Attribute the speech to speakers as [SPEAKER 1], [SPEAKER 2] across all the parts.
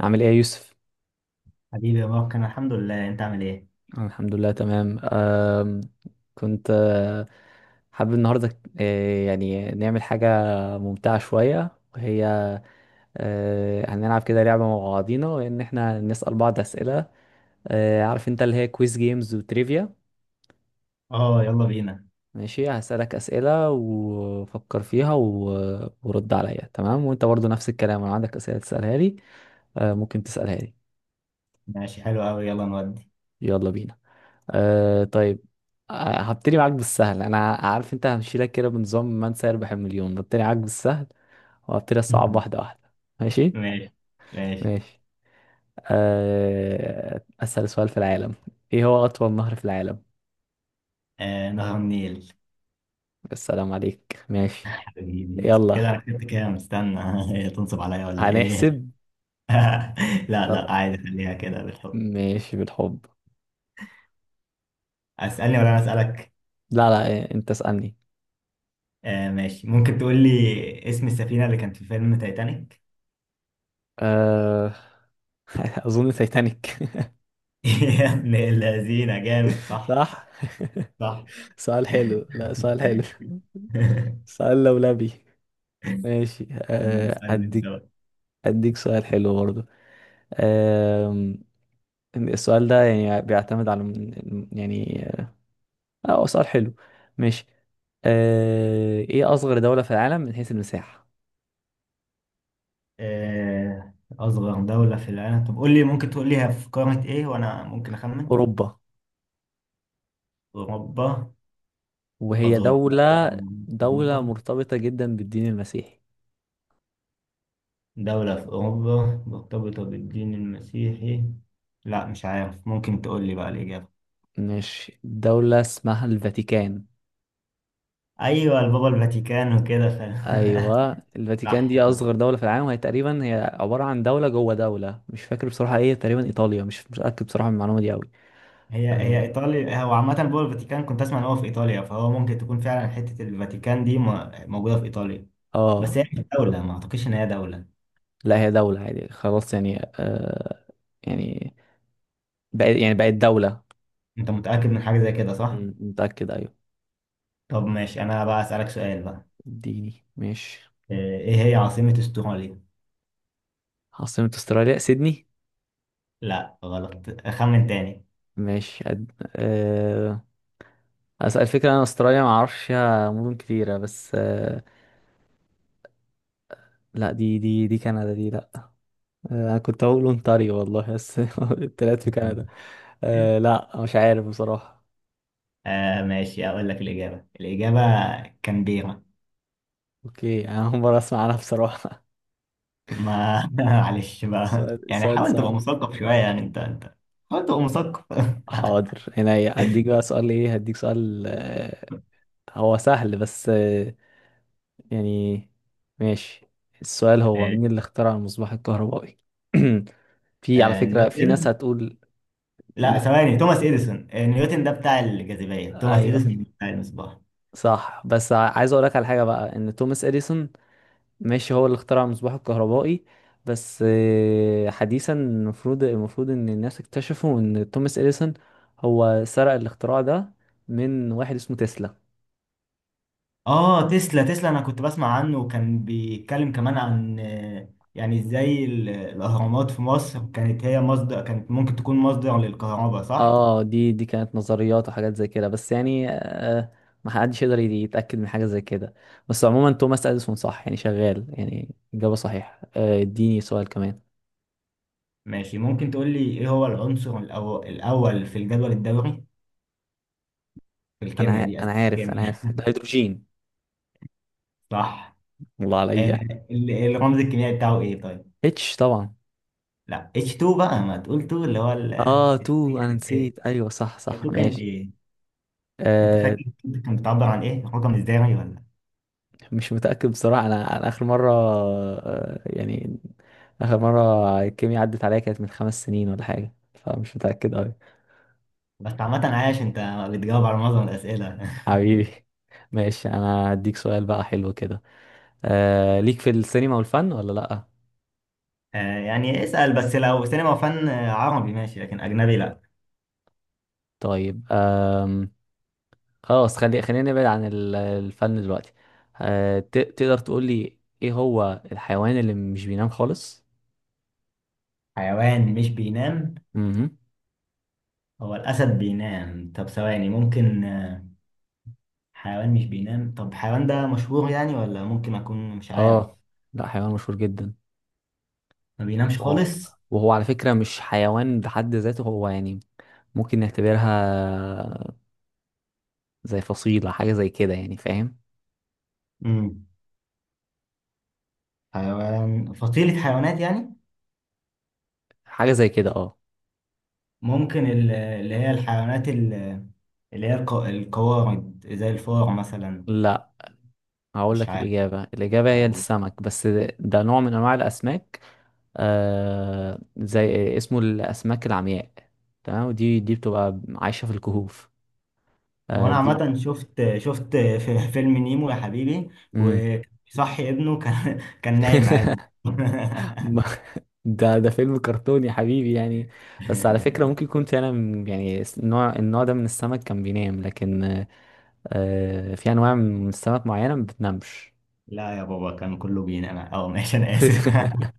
[SPEAKER 1] عامل ايه يا يوسف؟
[SPEAKER 2] حبيبي، يا ممكن الحمد لله. انت عامل ايه؟
[SPEAKER 1] أنا الحمد لله تمام. أم كنت حابب النهارده، يعني نعمل حاجة ممتعة شوية، وهي هنلعب كده لعبة مع بعضينا، وإن احنا نسأل بعض أسئلة. عارف انت اللي هي كويز جيمز وتريفيا.
[SPEAKER 2] اه، يلا بينا.
[SPEAKER 1] ماشي، هسألك أسئلة وفكر فيها ورد عليا، تمام، وانت برضو نفس الكلام، لو عندك أسئلة تسألها لي ممكن تسألها لي.
[SPEAKER 2] ماشي، حلو قوي، يلا نودي.
[SPEAKER 1] يلا بينا. طيب. أه هبتدي معاك بالسهل، انا عارف انت همشيلك كده بنظام من سيربح المليون، هبتدي معاك بالسهل وهبتدي اصعب واحده واحده. ماشي،
[SPEAKER 2] ماشي. ماشي.
[SPEAKER 1] ماشي. اسهل سؤال في العالم، ايه هو اطول نهر في العالم؟
[SPEAKER 2] آه، نهر النيل.
[SPEAKER 1] السلام عليك، ماشي.
[SPEAKER 2] حبيبي كده انا
[SPEAKER 1] يلا
[SPEAKER 2] كنت كام؟ استنى، تنصب عليا ولا
[SPEAKER 1] هنحسب.
[SPEAKER 2] ايه؟ لا لا،
[SPEAKER 1] خلاص.
[SPEAKER 2] عادي، خليها كده بالحب.
[SPEAKER 1] ماشي بالحب.
[SPEAKER 2] اسالني ولا انا اسالك؟
[SPEAKER 1] لا، لا، إيه، انت اسألني.
[SPEAKER 2] آه ماشي، ممكن تقول لي اسم السفينه اللي كانت في فيلم تايتانيك؟
[SPEAKER 1] أه اظن تايتانيك.
[SPEAKER 2] يا ابن اللذينه، جامد، صح؟
[SPEAKER 1] صح.
[SPEAKER 2] صح.
[SPEAKER 1] سؤال حلو، لا، سؤال حلو. سؤال لولبي. ماشي،
[SPEAKER 2] اسالني انت.
[SPEAKER 1] أديك سؤال حلو برضه. آم، السؤال ده يعني بيعتمد على يعني، اه هو سؤال حلو. ماشي. ايه أصغر دولة في العالم من حيث المساحة؟
[SPEAKER 2] آه، أصغر دولة في العالم، طب قول لي، ممكن تقول لي هي في قارة إيه وأنا ممكن أخمن.
[SPEAKER 1] أوروبا.
[SPEAKER 2] أوروبا. أصغر
[SPEAKER 1] وهي
[SPEAKER 2] دولة
[SPEAKER 1] دولة،
[SPEAKER 2] موجودة في
[SPEAKER 1] دولة
[SPEAKER 2] أوروبا.
[SPEAKER 1] مرتبطة جدا بالدين المسيحي.
[SPEAKER 2] دولة في أوروبا مرتبطة بالدين المسيحي. لا مش عارف، ممكن تقول لي بقى الإجابة.
[SPEAKER 1] ماشي، دولة اسمها الفاتيكان.
[SPEAKER 2] أيوة، البابا الفاتيكان وكده ف...
[SPEAKER 1] أيوة، الفاتيكان
[SPEAKER 2] صح
[SPEAKER 1] دي
[SPEAKER 2] صح.
[SPEAKER 1] أصغر دولة في العالم، وهي تقريبا هي عبارة عن دولة جوه دولة. مش فاكر بصراحة ايه، تقريبا إيطاليا، مش متأكد بصراحة من المعلومة دي أوي.
[SPEAKER 2] هي
[SPEAKER 1] اه.
[SPEAKER 2] هي إيطاليا. هو عامة البابا الفاتيكان كنت أسمع إن هو في إيطاليا، فهو ممكن تكون فعلا حتة الفاتيكان دي موجودة في إيطاليا. بس
[SPEAKER 1] آه.
[SPEAKER 2] هي مش دولة، ما أعتقدش إن هي دولة.
[SPEAKER 1] لا، هي دولة عادي خلاص، يعني يعني بقت، يعني بقت دولة.
[SPEAKER 2] أنت متأكد من حاجة زي كده، صح؟
[SPEAKER 1] متأكد، أيوة.
[SPEAKER 2] طب ماشي، انا بقى اسالك سؤال بقى.
[SPEAKER 1] اديني، ماشي.
[SPEAKER 2] ايه هي عاصمة استراليا؟
[SPEAKER 1] عاصمة استراليا سيدني.
[SPEAKER 2] لا غلط، اخمن تاني.
[SPEAKER 1] ماشي، أد... آه أسأل، الفكرة أنا استراليا معرفش فيها مدن كتيرة، بس لا، دي كندا دي، لا. أنا كنت هقول أونتاريو والله، بس التلات في كندا. لا، مش عارف بصراحة.
[SPEAKER 2] آه ماشي، اقول لك الاجابة، الاجابة كانبيرا.
[SPEAKER 1] أوكي، أنا أول مرة أسمع عنها بصراحة.
[SPEAKER 2] ما معلش بقى،
[SPEAKER 1] سؤال،
[SPEAKER 2] يعني
[SPEAKER 1] سؤال
[SPEAKER 2] حاول تبقى
[SPEAKER 1] صعب.
[SPEAKER 2] مثقف شوية، يعني انت. حاول تبقى مثقف.
[SPEAKER 1] حاضر، هنا هديك بقى سؤال، إيه، هديك سؤال. هو سهل، بس يعني ماشي، السؤال هو
[SPEAKER 2] ماشي.
[SPEAKER 1] مين اللي اخترع المصباح الكهربائي؟ في، على
[SPEAKER 2] آه
[SPEAKER 1] فكرة، في ناس
[SPEAKER 2] نيوتن.
[SPEAKER 1] هتقول.
[SPEAKER 2] لا
[SPEAKER 1] ال...
[SPEAKER 2] ثواني، توماس اديسون. آه نيوتن ده بتاع الجاذبية، توماس
[SPEAKER 1] ايوه،
[SPEAKER 2] اديسون بتاع المصباح.
[SPEAKER 1] صح، بس عايز اقول لك على حاجة بقى، ان توماس اديسون، ماشي، هو اللي اخترع المصباح الكهربائي. بس حديثا، المفروض، المفروض ان الناس اكتشفوا ان توماس اديسون هو سرق الاختراع ده من واحد اسمه تسلا.
[SPEAKER 2] اه تسلا، تسلا انا كنت بسمع عنه وكان بيتكلم كمان عن يعني ازاي الاهرامات في مصر كانت هي مصدر، كانت ممكن تكون مصدر للكهرباء، صح؟
[SPEAKER 1] اه، دي كانت نظريات وحاجات زي كده، بس يعني ما حدش يقدر يتأكد من حاجة زي كده. بس عموما، توماس اديسون صح، يعني شغال، يعني إجابة صحيحة. اديني سؤال كمان.
[SPEAKER 2] ماشي، ممكن تقول لي ايه هو العنصر الاول في الجدول الدوري؟ في
[SPEAKER 1] انا
[SPEAKER 2] الكيمياء،
[SPEAKER 1] ع-
[SPEAKER 2] دي
[SPEAKER 1] انا
[SPEAKER 2] اسئله
[SPEAKER 1] عارف انا
[SPEAKER 2] الكيمياء.
[SPEAKER 1] عارف الهيدروجين.
[SPEAKER 2] صح.
[SPEAKER 1] والله
[SPEAKER 2] آه
[SPEAKER 1] عليا.
[SPEAKER 2] الرمز الكيميائي بتاعه ايه طيب؟
[SPEAKER 1] اتش طبعا.
[SPEAKER 2] لا H2 بقى، ما تقول 2 اللي هو ال
[SPEAKER 1] اه تو،
[SPEAKER 2] 2.
[SPEAKER 1] انا
[SPEAKER 2] كانت ايه
[SPEAKER 1] نسيت. ايوه، صح، صح،
[SPEAKER 2] 2؟ كانت
[SPEAKER 1] ماشي.
[SPEAKER 2] ايه انت
[SPEAKER 1] آه
[SPEAKER 2] فاكر 2 كانت بتعبر عن ايه، رقم ازاي ولا؟
[SPEAKER 1] مش متأكد بصراحة، انا اخر مرة، يعني اخر مرة الكيمياء عدت عليا كانت من 5 سنين ولا حاجة، فمش متأكد أوي.
[SPEAKER 2] بس عامة عايش انت، بتجاوب على معظم الأسئلة.
[SPEAKER 1] حبيبي. ماشي، انا اديك سؤال بقى حلو كده. ليك في السينما والفن ولا لا؟
[SPEAKER 2] يعني اسأل، بس لو سينما وفن عربي ماشي، لكن أجنبي لأ.
[SPEAKER 1] طيب، خلاص، خلينا نبعد عن الفن دلوقتي. تقدر تقول لي ايه هو الحيوان اللي مش بينام خالص؟
[SPEAKER 2] حيوان مش بينام؟
[SPEAKER 1] امم.
[SPEAKER 2] هو الأسد بينام. طب ثواني، ممكن حيوان مش بينام؟ طب الحيوان ده مشهور يعني، ولا ممكن أكون مش عارف؟
[SPEAKER 1] اه، لا، حيوان مشهور جدا.
[SPEAKER 2] ما بينامش
[SPEAKER 1] وهو
[SPEAKER 2] خالص؟
[SPEAKER 1] وهو على فكرة مش حيوان بحد ذاته، هو يعني ممكن نعتبرها زي فصيلة، حاجة زي كده، يعني فاهم.
[SPEAKER 2] امم، حيوان فصيلة حيوانات يعني؟
[SPEAKER 1] حاجة زي كده، اه.
[SPEAKER 2] ممكن اللي هي الحيوانات القوارض زي الفار مثلا.
[SPEAKER 1] لا، هقول
[SPEAKER 2] مش
[SPEAKER 1] لك
[SPEAKER 2] عارف.
[SPEAKER 1] الإجابة. الإجابة هي السمك، بس ده نوع من أنواع الأسماك. زي اسمه الأسماك العمياء. تمام، ودي، دي بتبقى عايشة في الكهوف.
[SPEAKER 2] هو انا
[SPEAKER 1] دي.
[SPEAKER 2] عامه شفت في فيلم نيمو يا حبيبي،
[SPEAKER 1] مم.
[SPEAKER 2] وصحي ابنه كان كان نايم عادي.
[SPEAKER 1] ما- ده فيلم كرتون يا حبيبي، يعني. بس على فكرة ممكن يكون فعلا، يعني النوع، النوع ده من السمك كان بينام، لكن في أنواع من السمك معينة ما بتنامش.
[SPEAKER 2] لا يا بابا، كان كله بينام. اه ماشي، انا اسف.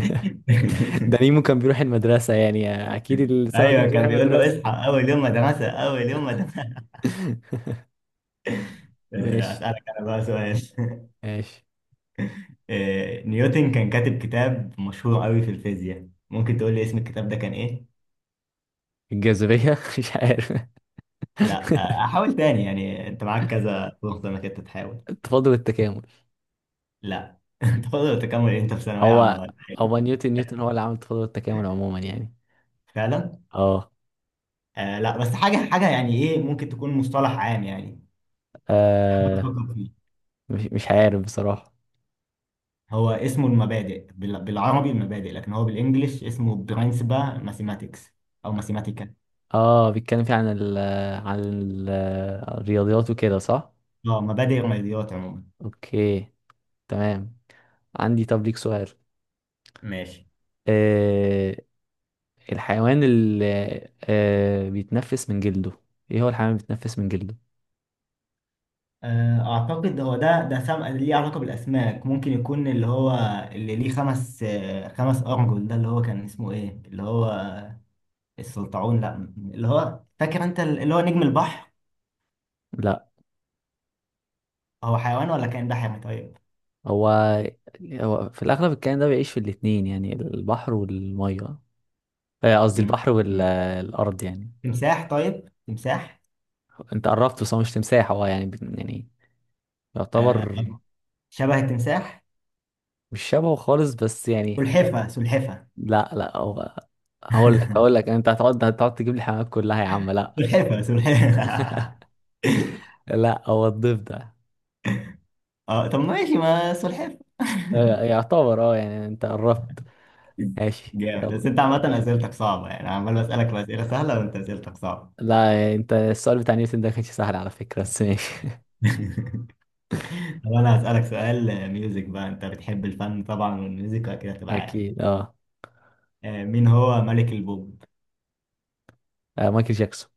[SPEAKER 1] ده نيمو كان بيروح المدرسة، يعني أكيد السمك مش
[SPEAKER 2] ايوه
[SPEAKER 1] بيروح
[SPEAKER 2] كان بيقول له
[SPEAKER 1] المدرسة.
[SPEAKER 2] اصحى، اول يوم مدرسه، اول يوم مدرسه.
[SPEAKER 1] ماشي،
[SPEAKER 2] اسالك انا بقى سؤال.
[SPEAKER 1] ماشي.
[SPEAKER 2] آه، نيوتن كان كاتب كتاب مشهور قوي في الفيزياء، ممكن تقول لي اسم الكتاب ده كان ايه؟
[SPEAKER 1] الجاذبية. مش عارف.
[SPEAKER 2] لا احاول تاني، يعني انت معاك كذا فرصه انك انت تحاول.
[SPEAKER 1] التفاضل والتكامل.
[SPEAKER 2] لا، تقدر تكمل انت في ثانويه
[SPEAKER 1] هو
[SPEAKER 2] عامه.
[SPEAKER 1] هو نيوتن، نيوتن هو اللي عمل التفاضل والتكامل عموما، يعني
[SPEAKER 2] فعلا.
[SPEAKER 1] اه.
[SPEAKER 2] آه لا، بس حاجة حاجة يعني، ايه ممكن تكون مصطلح عام يعني
[SPEAKER 1] آه،
[SPEAKER 2] بتفكر فيه.
[SPEAKER 1] مش عارف بصراحة.
[SPEAKER 2] هو اسمه المبادئ، بالعربي المبادئ، لكن هو بالانجلش اسمه برنسبا ماثيماتكس او ماثيماتيكا.
[SPEAKER 1] اه، بيتكلم فيه عن ال الرياضيات وكده، صح؟
[SPEAKER 2] اه مبادئ الرياضيات عموما.
[SPEAKER 1] اوكي، تمام. عندي، طب ليك سؤال.
[SPEAKER 2] ماشي.
[SPEAKER 1] آه الحيوان اللي بيتنفس من جلده، ايه هو الحيوان اللي بيتنفس من جلده؟
[SPEAKER 2] آه اعتقد هو ده ليه علاقة بالاسماك، ممكن يكون اللي هو اللي ليه خمس خمس ارجل، ده اللي هو كان اسمه ايه، اللي هو السلطعون؟ لا اللي هو، فاكر انت، اللي هو نجم البحر؟
[SPEAKER 1] لا،
[SPEAKER 2] هو حيوان ولا كائن بحري طيب؟
[SPEAKER 1] هو هو في الأغلب الكائن ده بيعيش في الاتنين، يعني البحر والمية، قصدي
[SPEAKER 2] مم.
[SPEAKER 1] البحر والأرض، يعني.
[SPEAKER 2] تمساح، طيب تمساح.
[SPEAKER 1] أنت قربت، بس هو مش تمساح، هو يعني،
[SPEAKER 2] آه
[SPEAKER 1] يعتبر،
[SPEAKER 2] شبه التمساح.
[SPEAKER 1] مش شبهه خالص، بس يعني.
[SPEAKER 2] سلحفة، سلحفة.
[SPEAKER 1] لا، لا، هقول لك، هقول لك، أنت هتقعد، هتقعد تجيب لي حيوانات كلها يا عم، لا.
[SPEAKER 2] سلحفة، سلحفة.
[SPEAKER 1] لا، هو الضيف ده.
[SPEAKER 2] اه طب ماشي، ما سلحفة.
[SPEAKER 1] يعتبر، يعني، أنت قربت. ماشي،
[SPEAKER 2] جامد.
[SPEAKER 1] يلا.
[SPEAKER 2] بس انت عامة اسئلتك صعبة، يعني عمال بسألك في اسئلة سهلة وانت اسئلتك صعبة.
[SPEAKER 1] لا، أنت السؤال بتاع نيوتن ده كانش سهل على فكرة، بس ماشي.
[SPEAKER 2] طب انا هسألك سؤال ميوزك بقى، انت بتحب الفن طبعا والميوزك كده، تبقى عارف
[SPEAKER 1] أكيد، اه.
[SPEAKER 2] آه، مين هو ملك البوب؟
[SPEAKER 1] مايكل جاكسون.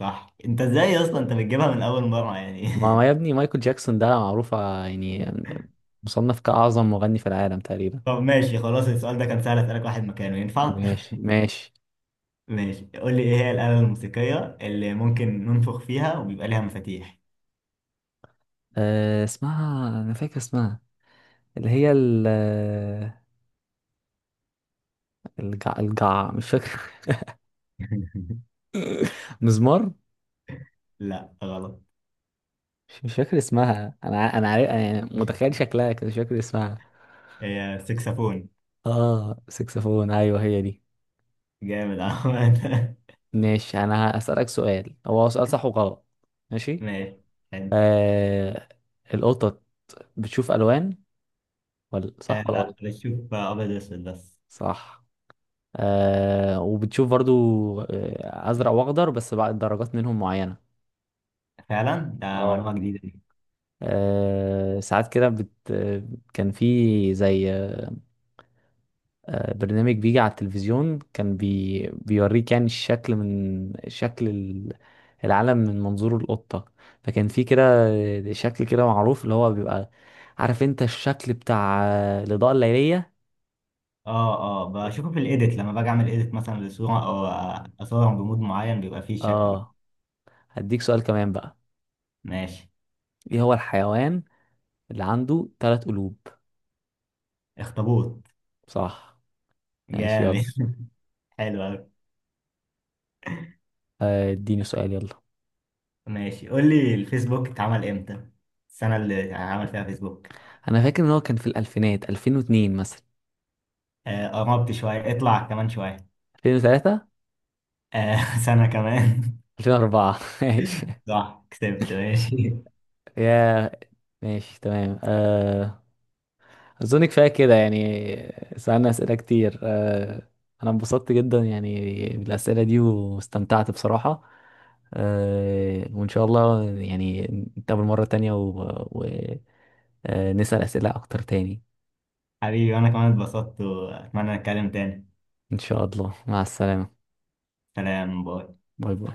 [SPEAKER 2] صح. انت ازاي اصلا انت بتجيبها من اول مرة يعني؟
[SPEAKER 1] ما هو يا ابني مايكل جاكسون ده معروف، يعني مصنف كأعظم مغني في العالم تقريبا.
[SPEAKER 2] طب ماشي خلاص، السؤال ده كان سهل، اسألك واحد مكانه ينفع.
[SPEAKER 1] ماشي، ماشي.
[SPEAKER 2] ماشي، قول لي ايه هي الآلة الموسيقية اللي ممكن ننفخ فيها وبيبقى ليها مفاتيح؟
[SPEAKER 1] اسمها، أنا فاكر اسمها، اللي هي ال آه، الجع، الجع مش فاكر. مزمار.
[SPEAKER 2] لا غلط.
[SPEAKER 1] مش فاكر اسمها، أنا عارف، أنا يعني متخيل شكلها كده، مش فاكر اسمها.
[SPEAKER 2] هي سكسفون.
[SPEAKER 1] سكسفون، أيوه هي دي.
[SPEAKER 2] جامد عمد.
[SPEAKER 1] ماشي، أنا هسألك سؤال، هو سؤال صح وغلط. ماشي.
[SPEAKER 2] ماشي، حلو.
[SPEAKER 1] أه القطط بتشوف ألوان، ولا
[SPEAKER 2] آه
[SPEAKER 1] صح ولا
[SPEAKER 2] لا،
[SPEAKER 1] غلط؟
[SPEAKER 2] بشوف ابيض واسود بس.
[SPEAKER 1] صح. وبتشوف برضو ازرق واخضر، بس بعد درجات منهم معينه.
[SPEAKER 2] فعلا ده معلومة
[SPEAKER 1] اه.
[SPEAKER 2] جديدة دي.
[SPEAKER 1] ساعات كده بت... آه، كان في زي برنامج بيجي على التلفزيون، كان بيوريك يعني الشكل، من شكل العالم من منظور القطة. فكان في كده شكل كده معروف، اللي هو بيبقى، عارف انت الشكل بتاع الإضاءة الليلية.
[SPEAKER 2] اه اه بشوفه في الايديت لما باجي اعمل ايديت مثلا لصورة او اصورها بمود معين، بيبقى فيه الشكل ده.
[SPEAKER 1] اه، هديك سؤال كمان بقى.
[SPEAKER 2] ماشي.
[SPEAKER 1] ايه هو الحيوان اللي عنده 3 قلوب؟
[SPEAKER 2] اخطبوط.
[SPEAKER 1] صح. ماشي،
[SPEAKER 2] جامد.
[SPEAKER 1] يلا.
[SPEAKER 2] حلو أوي.
[SPEAKER 1] اديني سؤال يلا.
[SPEAKER 2] ماشي، قول لي الفيسبوك اتعمل امتى؟ السنة اللي اتعمل فيها فيسبوك.
[SPEAKER 1] انا فاكر ان هو كان في الالفينات، 2002 مثلا.
[SPEAKER 2] قربت شوية، اطلع كمان شوية.
[SPEAKER 1] 2003.
[SPEAKER 2] آه، سنة كمان.
[SPEAKER 1] 2004. ماشي
[SPEAKER 2] صح كسبت، ماشي.
[SPEAKER 1] يا ماشي، تمام. اظن كفايه كده، يعني سألنا اسئله كتير. انا انبسطت جدا يعني بالاسئله دي، واستمتعت بصراحه. وان شاء الله يعني نتقابل مره تانية، ونسال اسئله اكتر تاني.
[SPEAKER 2] حبيبي، وأنا كمان اتبسطت وأتمنى نتكلم تاني.
[SPEAKER 1] ان شاء الله، مع السلامه.
[SPEAKER 2] سلام، باي.
[SPEAKER 1] باي باي.